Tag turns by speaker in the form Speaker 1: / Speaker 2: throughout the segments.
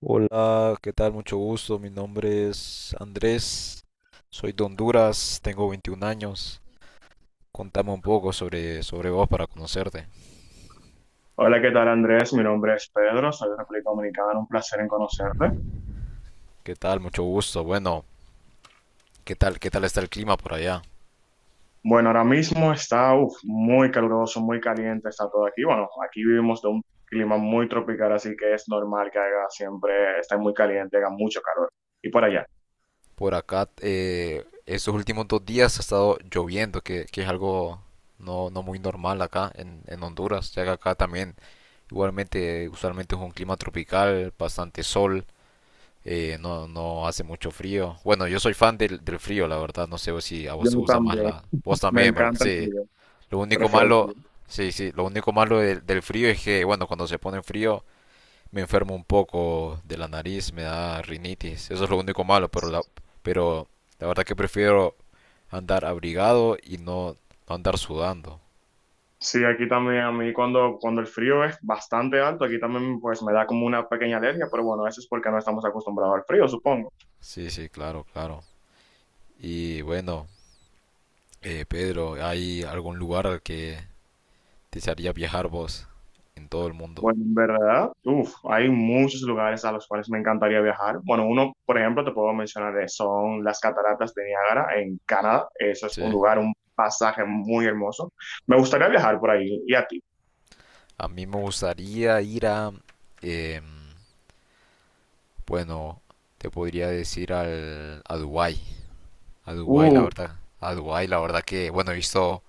Speaker 1: Hola, ¿qué tal? Mucho gusto. Mi nombre es Andrés. Soy de Honduras, tengo 21 años. Contame un poco sobre vos para conocerte.
Speaker 2: Hola, ¿qué tal, Andrés? Mi nombre es Pedro, soy de República Dominicana, un placer en conocerte.
Speaker 1: ¿Qué tal? Mucho gusto. Bueno, ¿qué tal? ¿Qué tal está el clima por allá?
Speaker 2: Bueno, ahora mismo está uf, muy caluroso, muy caliente, está todo aquí. Bueno, aquí vivimos de un clima muy tropical, así que es normal que haga siempre, esté muy caliente, haga mucho calor. Y por allá,
Speaker 1: Por acá, estos últimos dos días ha estado lloviendo, que es algo no muy normal acá en Honduras, ya que acá también igualmente usualmente es un clima tropical, bastante sol, no hace mucho frío. Bueno, yo soy fan del frío, la verdad. No sé si a vos
Speaker 2: yo
Speaker 1: te gusta más
Speaker 2: también,
Speaker 1: la. Vos
Speaker 2: me
Speaker 1: también, ¿verdad?
Speaker 2: encanta el
Speaker 1: Sí.
Speaker 2: frío,
Speaker 1: Lo único
Speaker 2: prefiero el frío.
Speaker 1: malo. Sí, sí, lo único malo del frío es que, bueno, cuando se pone frío me enfermo un poco de la nariz, me da rinitis. Eso es lo único malo, pero la verdad que prefiero andar abrigado y no andar sudando.
Speaker 2: Sí, aquí también a mí cuando el frío es bastante alto, aquí también pues me da como una pequeña alergia, pero bueno, eso es porque no estamos acostumbrados al frío, supongo.
Speaker 1: Sí, sí, claro, claro. Y bueno, Pedro, ¿hay algún lugar al que desearías viajar vos en todo el mundo?
Speaker 2: Bueno, en verdad, uf, hay muchos lugares a los cuales me encantaría viajar. Bueno, uno, por ejemplo, te puedo mencionar, son las cataratas de Niágara en Canadá. Eso es
Speaker 1: Sí.
Speaker 2: un lugar, un pasaje muy hermoso. Me gustaría viajar por ahí. ¿Y a ti?
Speaker 1: A mí me gustaría ir a, em, bueno, te podría decir a Dubái. A Dubái, la
Speaker 2: Uf,
Speaker 1: verdad. A Dubái, la verdad que, bueno, he visto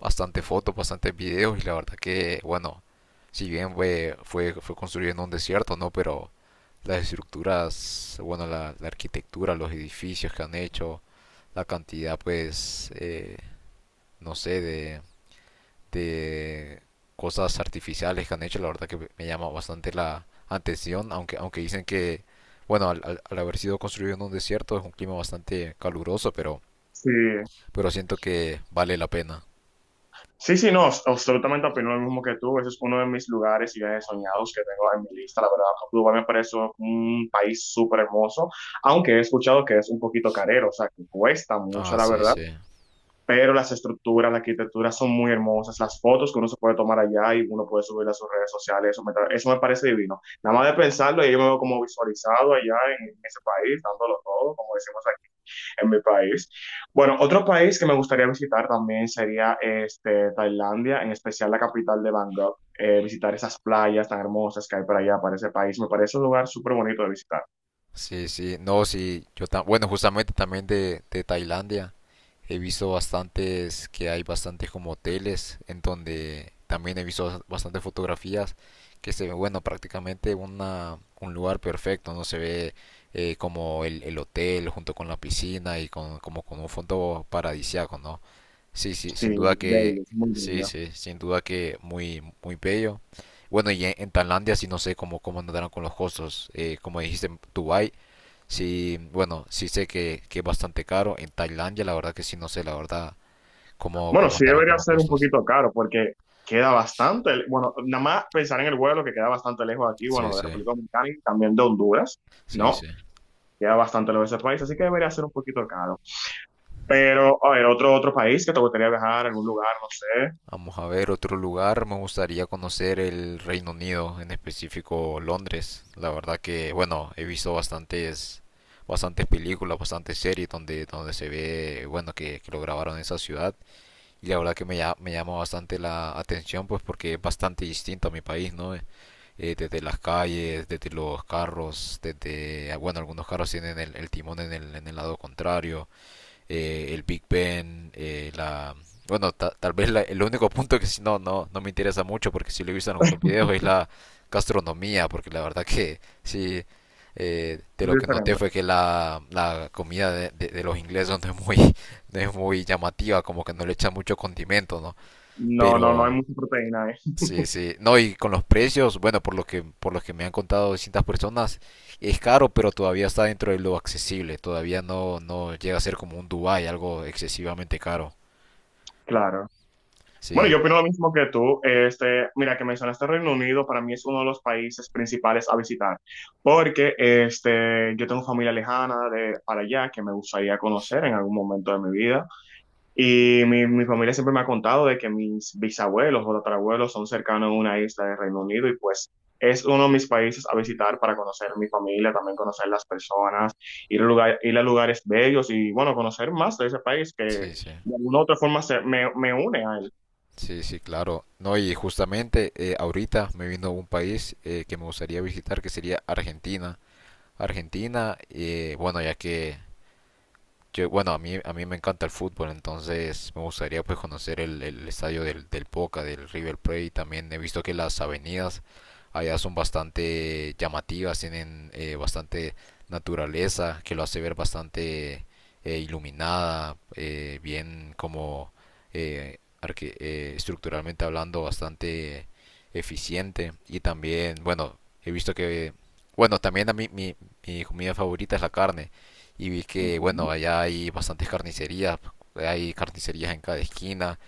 Speaker 1: bastante fotos, bastantes videos y la verdad que, bueno, si bien fue construido en un desierto, ¿no? Pero las estructuras, bueno, la arquitectura, los edificios que han hecho, la cantidad, pues, no sé, de cosas artificiales que han hecho, la verdad que me llama bastante la atención, aunque dicen que, bueno, al haber sido construido en un desierto es un clima bastante caluroso, pero,
Speaker 2: sí.
Speaker 1: pero siento que vale la pena.
Speaker 2: Sí, sí, no, absolutamente opino lo mismo que tú. Ese es uno de mis lugares y viajes soñados que tengo en mi lista. La verdad, Cuba me parece un país súper hermoso, aunque he escuchado que es un poquito carero, o sea, que cuesta mucho,
Speaker 1: Ah,
Speaker 2: la
Speaker 1: sí,
Speaker 2: verdad.
Speaker 1: sí.
Speaker 2: Pero las estructuras, la arquitectura son muy hermosas, las fotos que uno se puede tomar allá y uno puede subir a sus redes sociales, eso me, eso me parece divino. Nada más de pensarlo, y yo me veo como visualizado allá en ese país, dándolo todo, como decimos aquí en mi país. Bueno, otro país que me gustaría visitar también sería este, Tailandia, en especial la capital de Bangkok. Visitar esas playas tan hermosas que hay para allá, para ese país, me parece un lugar súper bonito de visitar.
Speaker 1: Sí, sí. No, sí, bueno, justamente también de Tailandia. He visto bastantes, que hay bastantes como hoteles en donde también he visto bastantes fotografías que se ve, bueno, prácticamente un lugar perfecto, ¿no? Se ve, como el hotel junto con la piscina y como con un fondo paradisiaco, ¿no? Sí, sí, sin duda
Speaker 2: Sí,
Speaker 1: que,
Speaker 2: bello, muy
Speaker 1: sí,
Speaker 2: bello.
Speaker 1: sí, sin duda que muy, muy bello. Bueno, y en Tailandia sí no sé cómo andarán con los costos. Como dijiste, en Dubái. Sí, bueno, sí sé que es bastante caro. En Tailandia, la verdad que sí, no sé, la verdad, cómo,
Speaker 2: Bueno,
Speaker 1: cómo
Speaker 2: sí
Speaker 1: andarán con
Speaker 2: debería
Speaker 1: los
Speaker 2: ser un
Speaker 1: costos.
Speaker 2: poquito caro porque queda bastante, bueno, nada más pensar en el vuelo que queda bastante lejos de aquí,
Speaker 1: Sí,
Speaker 2: bueno, de
Speaker 1: sí,
Speaker 2: República Dominicana y también de Honduras,
Speaker 1: sí,
Speaker 2: ¿no?
Speaker 1: sí.
Speaker 2: Queda bastante lejos de ese país, así que debería ser un poquito caro. Pero, a ver, otro, otro país que te gustaría viajar, algún lugar, no sé,
Speaker 1: Vamos a ver otro lugar. Me gustaría conocer el Reino Unido, en específico Londres. La verdad que, bueno, he visto bastantes películas, bastantes series donde se ve, bueno, que lo grabaron en esa ciudad. Y la verdad que me llama bastante la atención, pues porque es bastante distinto a mi país, ¿no? Desde las calles, desde los carros, desde, ah, bueno, algunos carros tienen el timón en el lado contrario, el Big Ben, la. Bueno, tal vez el único punto que sí no me interesa mucho, porque sí lo he visto en algunos videos, es la gastronomía, porque la verdad que sí, de lo
Speaker 2: muy
Speaker 1: que noté
Speaker 2: diferente.
Speaker 1: fue que la comida de los ingleses no es muy, llamativa, como que no le echan mucho condimento, ¿no?
Speaker 2: No, no, no hay
Speaker 1: Pero.
Speaker 2: mucha proteína ahí.
Speaker 1: Sí, sí. No, y con los precios, bueno, por lo que me han contado distintas personas, es caro, pero todavía está dentro de lo accesible. Todavía no llega a ser como un Dubai, algo excesivamente caro.
Speaker 2: Claro. Bueno,
Speaker 1: Sí,
Speaker 2: yo opino lo mismo que tú. Este, mira, que mencionaste Reino Unido, para mí es uno de los países principales a visitar, porque este, yo tengo familia lejana de para allá que me gustaría conocer en algún momento de mi vida. Y mi familia siempre me ha contado de que mis bisabuelos o tatarabuelos son cercanos a una isla de Reino Unido y pues es uno de mis países a visitar para conocer mi familia, también conocer las personas, ir a, lugar, ir a lugares bellos y bueno, conocer más de ese país que de
Speaker 1: sí, sí.
Speaker 2: alguna u otra forma se, me une a él.
Speaker 1: Sí, sí, claro. No, y justamente ahorita me vino un país que me gustaría visitar, que sería Argentina. Argentina, bueno, ya que. Yo, bueno, a mí me encanta el fútbol, entonces me gustaría pues conocer el estadio del Boca, del River Plate. También he visto que las avenidas allá son bastante llamativas, tienen bastante naturaleza, que lo hace ver bastante, iluminada, bien como, estructuralmente hablando bastante eficiente. Y también, bueno, he visto que, bueno, también a mí mi comida favorita es la carne y vi que, bueno,
Speaker 2: Ujú.
Speaker 1: allá hay bastantes carnicerías, hay carnicerías en cada esquina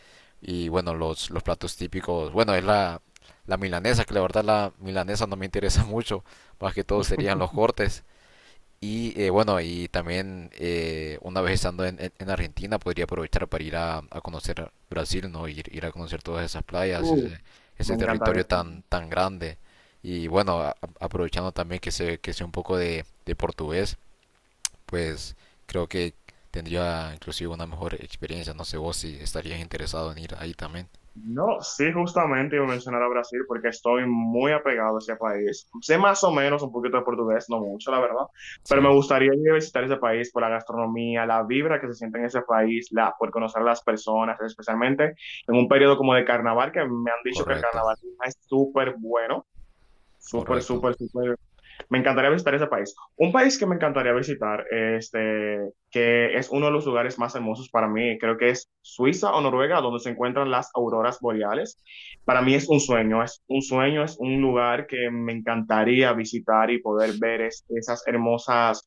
Speaker 1: y, bueno, los platos típicos, bueno, es la milanesa, que la verdad la milanesa no me interesa mucho, más que todo serían los cortes. Y bueno, y también una vez estando en Argentina podría aprovechar para ir a conocer Brasil, ¿no? Ir a conocer todas esas playas,
Speaker 2: Uh,
Speaker 1: ese
Speaker 2: me encantaría.
Speaker 1: territorio tan, tan grande. Y bueno, aprovechando también que sé un poco de portugués, pues creo que tendría inclusive una mejor experiencia. No sé vos si estarías interesado en ir ahí también.
Speaker 2: No, sí, justamente iba a mencionar a Brasil porque estoy muy apegado a ese país. Sé más o menos un poquito de portugués, no mucho, la verdad,
Speaker 1: Sí,
Speaker 2: pero me gustaría ir a visitar ese país por la gastronomía, la vibra que se siente en ese país, la, por conocer a las personas, especialmente en un periodo como de carnaval, que me han dicho que el
Speaker 1: correcto,
Speaker 2: carnaval es súper bueno, súper,
Speaker 1: correcto.
Speaker 2: súper, súper. Me encantaría visitar ese país. Un país que me encantaría visitar, este, que es uno de los lugares más hermosos para mí, creo que es Suiza o Noruega, donde se encuentran las auroras boreales. Para mí es un sueño, es un sueño, es un lugar que me encantaría visitar y poder ver esas hermosas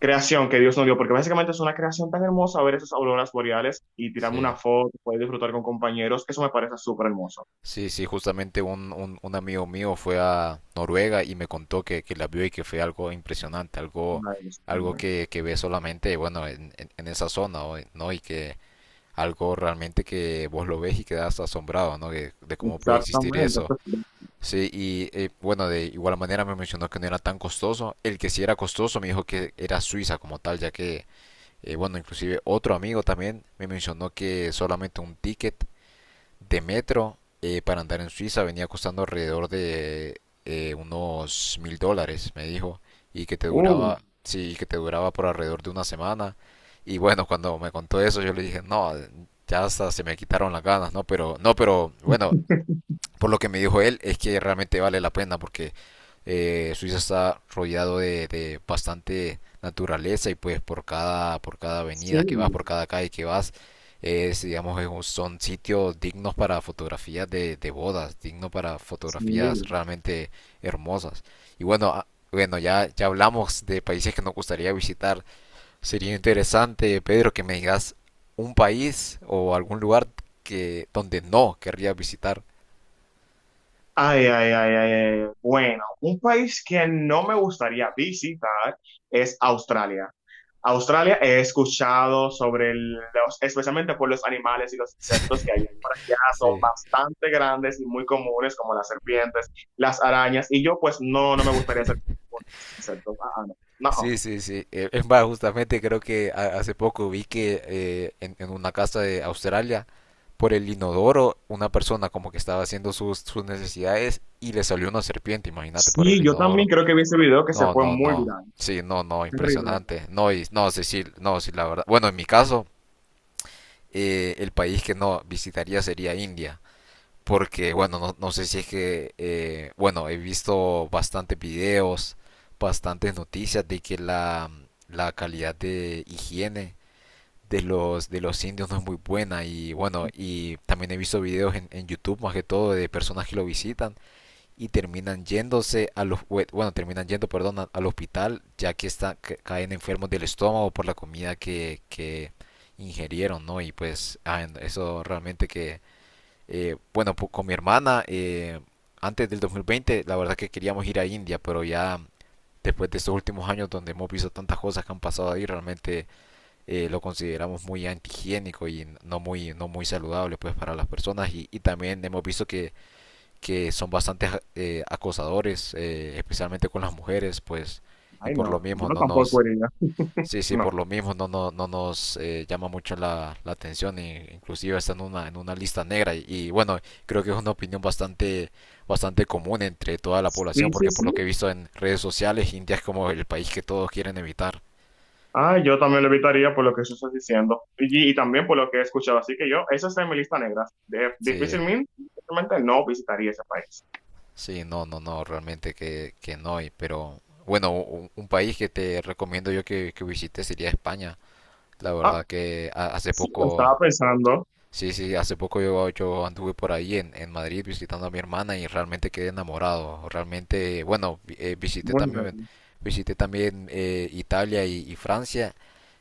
Speaker 2: creación que Dios nos dio, porque básicamente es una creación tan hermosa ver esas auroras boreales y tirarme
Speaker 1: Sí.
Speaker 2: una foto, poder disfrutar con compañeros, eso me parece súper hermoso.
Speaker 1: Sí, sí, justamente un amigo mío fue a Noruega y me contó que la vio y que fue algo impresionante, algo,
Speaker 2: Ay, Dios
Speaker 1: algo
Speaker 2: mío.
Speaker 1: que ve solamente, bueno, en esa zona, ¿no? Y que algo realmente que vos lo ves y quedas asombrado, ¿no? De cómo puede existir
Speaker 2: Exactamente,
Speaker 1: eso.
Speaker 2: eso sí.
Speaker 1: Sí, y bueno, de igual manera me mencionó que no era tan costoso. El que sí era costoso me dijo que era Suiza como tal, ya que, bueno, inclusive otro amigo también me mencionó que solamente un ticket de metro, para andar en Suiza venía costando alrededor de, unos 1.000 dólares, me dijo, y que te
Speaker 2: Uh,
Speaker 1: duraba, sí, y que te duraba por alrededor de una semana. Y bueno, cuando me contó eso, yo le dije, no, ya hasta se me quitaron las ganas, no, pero, no, pero bueno, por lo que me dijo él, es que realmente vale la pena porque Suiza está rodeado de bastante naturaleza y pues por cada avenida que vas,
Speaker 2: sí.
Speaker 1: por cada calle que vas, digamos, son sitios dignos para fotografías de bodas, dignos para
Speaker 2: Sí.
Speaker 1: fotografías realmente hermosas. Y bueno, ah, bueno, ya hablamos de países que nos gustaría visitar. Sería interesante, Pedro, que me digas un país o algún lugar que donde no querría visitar.
Speaker 2: Ay, ay, ay, ay, ay. Bueno, un país que no me gustaría visitar es Australia. Australia he escuchado sobre los, especialmente por los animales y los insectos que hay por allá, son
Speaker 1: Sí,
Speaker 2: bastante grandes y muy comunes, como las serpientes, las arañas, y yo pues no, no me gustaría ser un insecto. Ah, ah, no. No.
Speaker 1: sí, sí, sí. Es más, justamente creo que hace poco vi que en una casa de Australia, por el inodoro, una persona como que estaba haciendo sus necesidades y le salió una serpiente, imagínate, por el
Speaker 2: Sí, yo también
Speaker 1: inodoro.
Speaker 2: creo que vi ese video que se
Speaker 1: No,
Speaker 2: fue
Speaker 1: no,
Speaker 2: muy
Speaker 1: no.
Speaker 2: viral.
Speaker 1: Sí, no, no,
Speaker 2: Terrible.
Speaker 1: impresionante. No, y, no, Cecil, no, sí, la verdad. Bueno, en mi caso, el país que no visitaría sería India. Porque, bueno, no sé si es que, bueno, he visto bastantes videos, bastantes noticias de que la calidad de higiene de los indios no es muy buena. Y bueno, y también he visto videos en YouTube, más que todo, de personas que lo visitan y terminan yéndose a los, bue- bueno, terminan yendo, perdón, al hospital, ya que caen enfermos del estómago por la comida que ingerieron, ¿no? Y pues, ah, eso realmente que bueno, pues con mi hermana, antes del 2020, la verdad que queríamos ir a India, pero ya después de estos últimos años donde hemos visto tantas cosas que han pasado ahí, realmente lo consideramos muy antihigiénico y no muy, saludable pues para las personas y, también hemos visto que son bastante, acosadores, especialmente con las mujeres, pues y
Speaker 2: Ay,
Speaker 1: por lo
Speaker 2: no,
Speaker 1: mismo
Speaker 2: yo
Speaker 1: no
Speaker 2: tampoco
Speaker 1: nos,
Speaker 2: iría.
Speaker 1: sí, sí,
Speaker 2: No.
Speaker 1: por lo mismo no nos llama mucho la atención e inclusive está en en una lista negra y bueno, creo que es una opinión bastante común entre toda la población
Speaker 2: Sí, sí,
Speaker 1: porque por lo
Speaker 2: sí.
Speaker 1: que he visto en redes sociales, India es como el país que todos quieren evitar.
Speaker 2: Ah, yo también lo evitaría por lo que tú estás diciendo y también por lo que he escuchado. Así que yo, esa está en mi lista negra.
Speaker 1: Sí,
Speaker 2: Difícilmente, difícilmente no visitaría ese país.
Speaker 1: sí, no, no, no, realmente que, no, pero bueno, un país que te recomiendo yo que visites sería España. La
Speaker 2: Ah,
Speaker 1: verdad que hace
Speaker 2: sí, lo
Speaker 1: poco.
Speaker 2: estaba pensando.
Speaker 1: Sí, sí, hace poco yo anduve por ahí en Madrid visitando a mi hermana y realmente quedé enamorado. Realmente, bueno, vi- eh, visité
Speaker 2: Muy
Speaker 1: también,
Speaker 2: bien.
Speaker 1: visité también Italia y Francia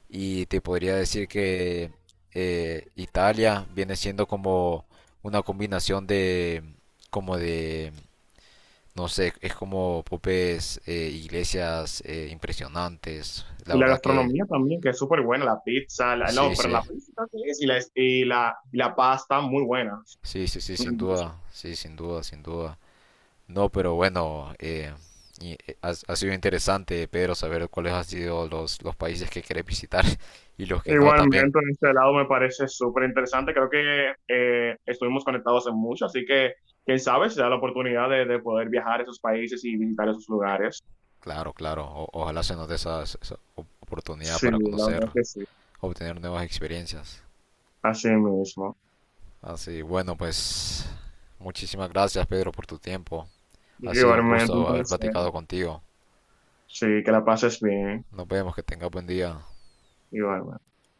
Speaker 1: y te podría decir que Italia viene siendo como una combinación como de, no sé, es como popes, iglesias impresionantes. La
Speaker 2: Y la
Speaker 1: verdad que
Speaker 2: gastronomía también, que es súper buena. La pizza, la,
Speaker 1: sí,
Speaker 2: no, pero
Speaker 1: sí,
Speaker 2: la pizza creo que es y la, y la, y la pasta, muy buenas.
Speaker 1: sí, sí,
Speaker 2: Me han dicho.
Speaker 1: sí, sin duda, sin duda. No, pero bueno, y ha sido interesante, Pedro, saber cuáles han sido los países que querés visitar y los que no también.
Speaker 2: Igualmente, en este lado me parece súper interesante. Creo que estuvimos conectados en mucho, así que quién sabe si da la oportunidad de poder viajar a esos países y visitar esos lugares.
Speaker 1: Claro, claro. Ojalá se nos dé esa oportunidad
Speaker 2: Sí,
Speaker 1: para
Speaker 2: la
Speaker 1: conocer,
Speaker 2: verdad que sí,
Speaker 1: obtener nuevas experiencias.
Speaker 2: así mismo.
Speaker 1: Así, bueno, pues muchísimas gracias, Pedro, por tu tiempo. Ha sido un
Speaker 2: Igualmente un
Speaker 1: gusto haber
Speaker 2: placer.
Speaker 1: platicado contigo.
Speaker 2: Sí, que la pases bien.
Speaker 1: Nos vemos, que tengas buen día.
Speaker 2: Igualmente.